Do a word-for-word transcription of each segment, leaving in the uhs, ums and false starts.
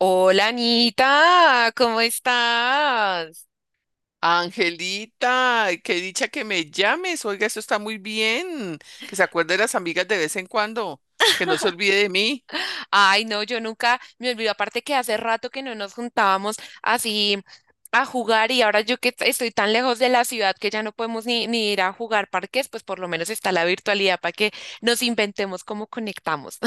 Hola Anita, ¿cómo estás? Angelita, qué dicha que me llames. Oiga, eso está muy bien. Que se acuerde de las amigas de vez en cuando. Que no se olvide de mí. Ay, no, yo nunca me olvido, aparte que hace rato que no nos juntábamos así a jugar, y ahora yo que t- estoy tan lejos de la ciudad que ya no podemos ni, ni ir a jugar parques, pues por lo menos está la virtualidad para que nos inventemos cómo conectamos.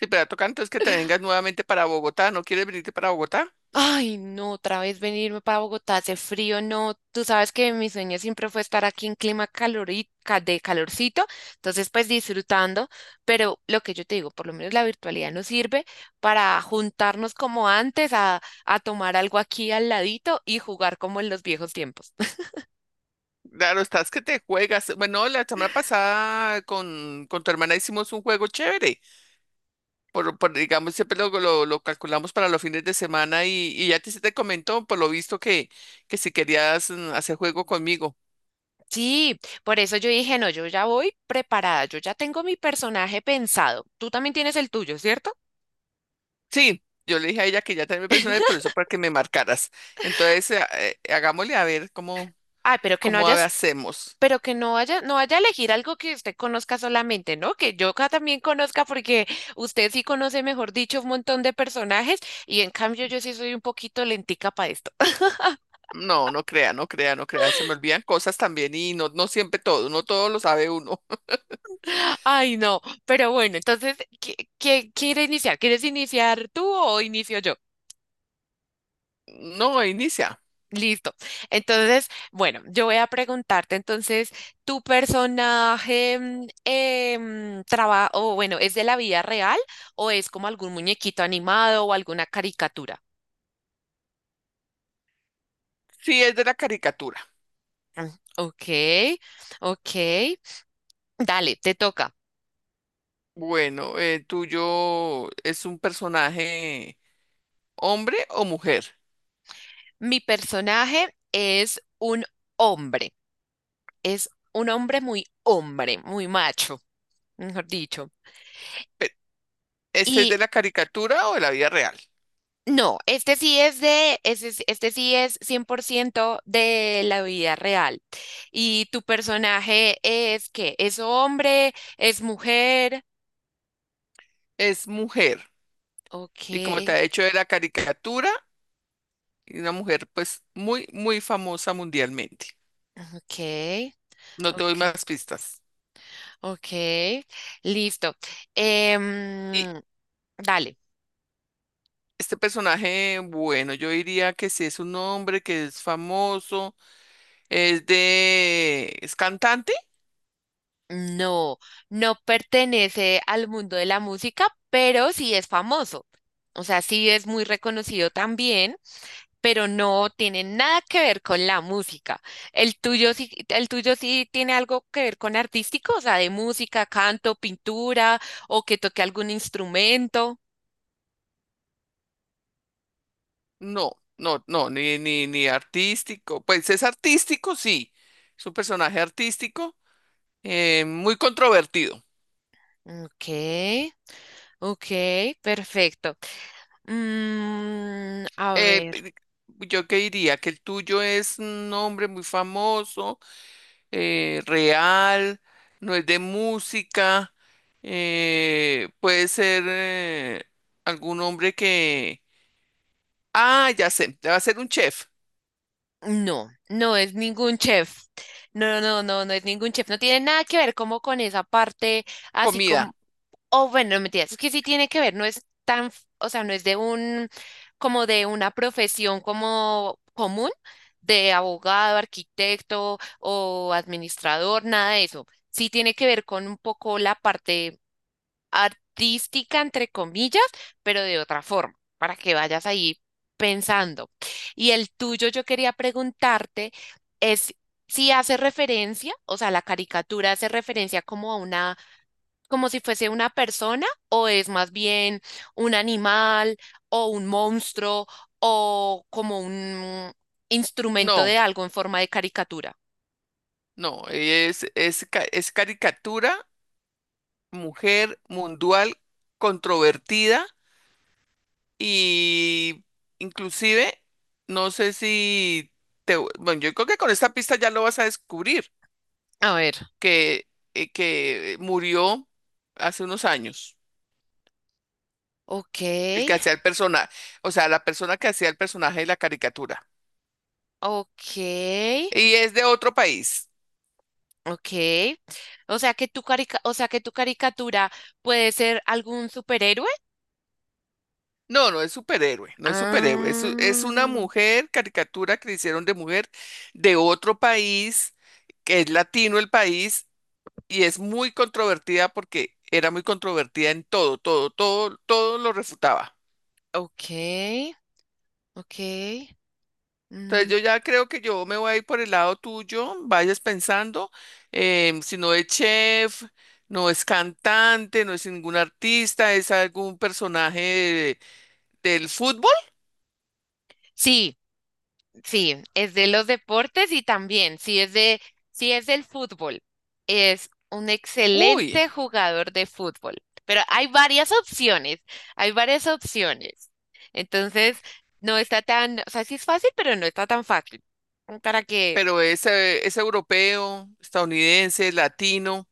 Si te va a tocar, entonces que te vengas nuevamente para Bogotá. ¿No quieres venirte para Bogotá? Ay, no, otra vez venirme para Bogotá, hace frío, no. Tú sabes que mi sueño siempre fue estar aquí en clima calorica, de calorcito, entonces pues disfrutando, pero lo que yo te digo, por lo menos la virtualidad nos sirve para juntarnos como antes a, a tomar algo aquí al ladito y jugar como en los viejos tiempos. Claro, estás que te juegas. Bueno, la semana pasada con, con tu hermana hicimos un juego chévere. Por, por, digamos, siempre lo, lo, lo calculamos para los fines de semana y, y ya te, se te comentó, por lo visto, que, que si querías mm, hacer juego conmigo. Sí, por eso yo dije, no, yo ya voy preparada, yo ya tengo mi personaje pensado. Tú también tienes el tuyo, ¿cierto? Sí, yo le dije a ella que ya tenía mi personal, por eso para que me marcaras. Entonces, eh, eh, eh, hagámosle a ver cómo, Ay, pero que no cómo a- hayas, hacemos. pero que no vaya, no vaya a elegir algo que usted conozca solamente, ¿no? Que yo acá también conozca, porque usted sí conoce, mejor dicho, un montón de personajes, y en cambio yo sí soy un poquito lentica para esto. No, no crea, no crea, no crea. Se me olvidan cosas también y no, no siempre todo, no todo lo sabe uno. Ay, no, pero bueno, entonces, ¿qué, qué quiere iniciar? ¿Quieres iniciar tú o inicio yo? No, inicia. Listo. Entonces, bueno, yo voy a preguntarte, entonces, ¿tu personaje mm, em, traba- o bueno, es de la vida real o es como algún muñequito animado o alguna caricatura? Sí, es de la caricatura. Ah, ok, ok. Dale, te toca. Bueno, eh, ¿tuyo es un personaje hombre o mujer? Mi personaje es un hombre. Es un hombre muy hombre, muy macho, mejor dicho. Pe- ¿Este es Y de la caricatura o de la vida real? no, este sí es de, ese es- este sí es cien por ciento de la vida real. ¿Y tu personaje es qué? ¿Es hombre? ¿Es mujer? Es mujer. Ok, Y como te ha hecho de la caricatura, y una mujer pues muy, muy famosa mundialmente. ok, No te doy ok, más pistas. ok. Listo. Y Em, Dale. este personaje, bueno, yo diría que si es un hombre que es famoso, es de... ¿Es cantante? No, no pertenece al mundo de la música, pero sí es famoso. O sea, sí es muy reconocido también, pero no tiene nada que ver con la música. El tuyo sí, el tuyo sí tiene algo que ver con artístico, o sea, de música, canto, pintura, o que toque algún instrumento. No, no, no, ni, ni, ni artístico. Pues es artístico, sí. Es un personaje artístico, eh, muy controvertido. Ok, ok, perfecto. Mm, a Eh, ver. pe- yo que diría que el tuyo es un hombre muy famoso, eh, real, no es de música, eh, puede ser eh, algún hombre que... Ah, ya sé, va a ser un chef, No, no es ningún chef. No, no, no, no es ningún chef. No tiene nada que ver como con esa parte, así como, comida. oh, bueno, no mentiras, es que sí tiene que ver, no es tan, f- o sea, no es de un, como de una profesión como común, de abogado, arquitecto o administrador, nada de eso. Sí tiene que ver con un poco la parte artística, entre comillas, pero de otra forma, para que vayas ahí pensando. Y el tuyo, yo quería preguntarte, es si hace referencia, o sea, la caricatura hace referencia como a una, como si fuese una persona, o es más bien un animal, o un monstruo, o como un instrumento de No, algo en forma de caricatura. no, es, es, ca- es caricatura, mujer mundial, controvertida y inclusive, no sé si... Te, bueno, yo creo que con esta pista ya lo vas a descubrir, A ver, que, eh, que murió hace unos años. ok, El que hacía el personaje, o sea, la persona que hacía el personaje de la caricatura. ok, Y es de otro país. ok. O sea que tu carica, o sea que tu caricatura puede ser algún superhéroe. No, no es superhéroe, no es superhéroe. Es, u- es una Ah, mujer, caricatura que le hicieron de mujer de otro país, que es latino el país, y es muy controvertida porque era muy controvertida en todo, todo, todo, todo lo refutaba. ok, ok. Entonces Mm, yo ya creo que yo me voy a ir por el lado tuyo, vayas pensando, em, si no es chef, no es cantante, no es ningún artista, es algún personaje de- del fútbol, sí, sí, es de los deportes y también, sí es de, sí es del fútbol, es un uy, excelente jugador de fútbol. Pero hay varias opciones, hay varias opciones. Entonces, no está tan, o sea, sí es fácil, pero no está tan fácil. Para que pero es, eh, es europeo, estadounidense, latino.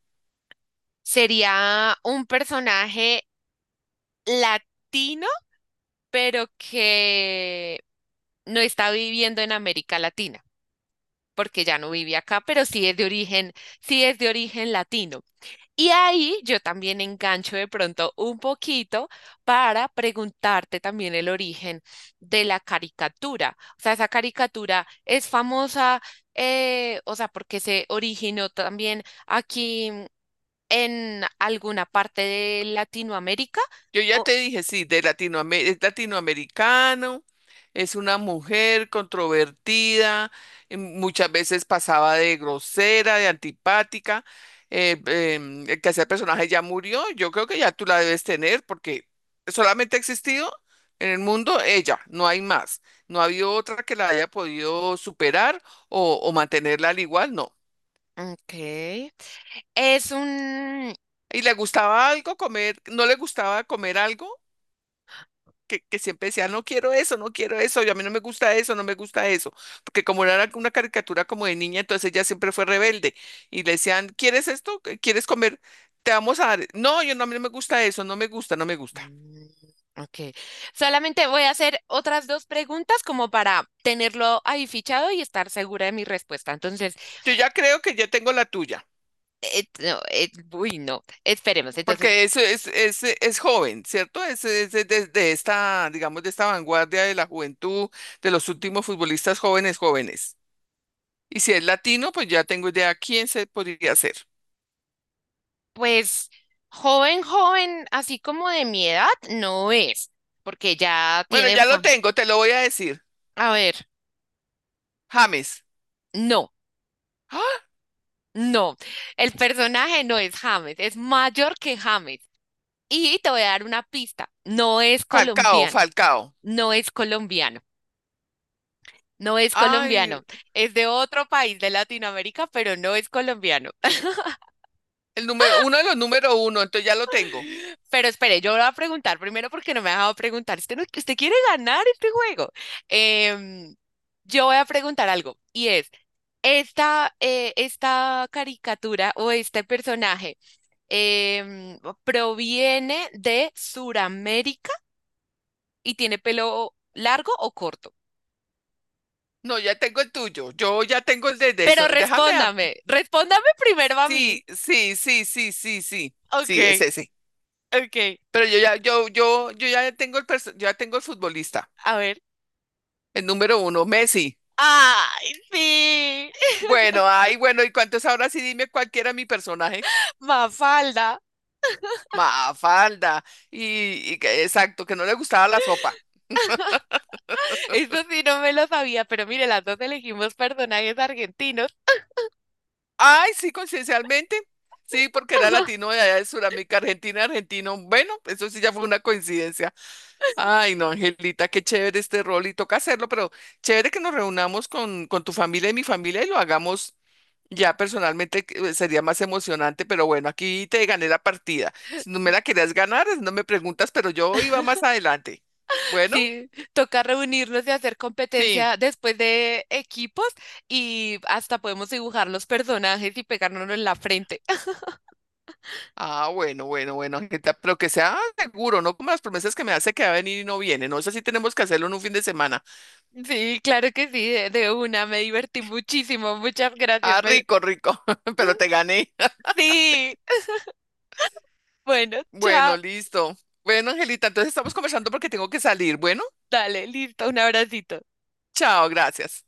sería un personaje latino, pero que no está viviendo en América Latina, porque ya no vive acá, pero sí es de origen, sí es de origen latino. Y ahí yo también engancho de pronto un poquito para preguntarte también el origen de la caricatura. O sea, esa caricatura es famosa, eh, o sea, porque se originó también aquí en alguna parte de Latinoamérica. Yo ya O- te dije, sí, de Latinoame- es latinoamericano, es una mujer controvertida, eh, muchas veces pasaba de grosera, de antipática. Eh, em, el que hacía el personaje ya murió, yo creo que ya tú la debes tener porque solamente ha existido en el mundo ella, no hay más. No ha habido otra que la haya podido superar o, o mantenerla al igual, no. ok. Es un... ¿Y le gustaba algo comer? ¿No le gustaba comer algo? que, que siempre decía, no quiero eso, no quiero eso, yo a mí no me gusta eso, no me gusta eso, porque como era una caricatura como de niña, entonces ella siempre fue rebelde y le decían, ¿quieres esto? ¿Quieres comer? Te vamos a dar, no, yo no, a mí no me gusta eso, no me gusta, no me gusta. Mm, ok. Solamente voy a hacer otras dos preguntas como para tenerlo ahí fichado y estar segura de mi respuesta. Entonces, Yo ya creo que ya tengo la tuya, eh, no, eh, uy, no, esperemos. Entonces, porque eso es, es, es joven, ¿cierto? Es, es de, de- de esta, digamos, de esta vanguardia de la juventud, de los últimos futbolistas jóvenes, jóvenes. Y si es latino, pues ya tengo idea quién se podría ser. pues joven, joven, así como de mi edad, no es, porque ya Bueno, tiene ya lo fama. tengo, te lo voy a decir. A ver, James. no, ¡Ah! no. El personaje no es James, es mayor que James. Y te voy a dar una pista, no es Falcao, colombiano, Falcao. no es colombiano. No es Ay, colombiano, es de otro país de Latinoamérica, pero no es colombiano. el número, uno de los número uno, entonces ya lo tengo. Pero espere, yo voy a preguntar primero porque no me ha dejado preguntar. Usted, no- usted quiere ganar este juego. Em, yo voy a preguntar algo y es, ¿esta, eh, esta caricatura o este personaje em, proviene de Suramérica y tiene pelo largo o corto? No, ya tengo el tuyo. Yo ya tengo el de de Pero eso. Déjame. A- respóndame, respóndame primero a mí. Sí, sí, sí, sí, sí, sí. Sí, es Ok, ese. ok, Pero yo ya, yo, yo, yo ya tengo el perso- yo ya tengo el futbolista. a ver. El número uno, Messi. ¡Ay, sí! Bueno, ay, bueno, ¿y cuántos ahora sí dime cuál era mi personaje? Mafalda. Mafalda. Y, y que- exacto, que no le gustaba la sopa. Eso sí no me lo sabía, pero mire, las dos elegimos personajes argentinos. Ay, sí, coincidencialmente. Sí, porque era latino de allá de Sudamérica, Argentina, argentino. Bueno, eso sí ya fue una coincidencia. Ay, no, Angelita, qué chévere este rol y toca hacerlo, pero chévere que nos reunamos con, con tu familia y mi familia y lo hagamos ya personalmente, que, eh, sería más emocionante, pero bueno, aquí te gané la partida. Si no me la querías ganar, no me preguntas, pero yo iba más adelante. Bueno, Sí, toca reunirnos y hacer sí. competencia después de equipos y hasta podemos dibujar los personajes y pegárnoslo en la frente. Ah, bueno, bueno, bueno, Angelita, pero que sea seguro, no como las promesas que me hace que va a venir y no viene. No sé si tenemos que hacerlo en un fin de semana. Sí, claro que sí, de, de una. Me divertí muchísimo. Muchas gracias. Ah, Me- rico, rico, pero te gané. Sí. Bueno, Bueno, chao. listo. Bueno, Angelita, entonces estamos conversando porque tengo que salir. Bueno, Dale, listo. Un abracito. chao, gracias.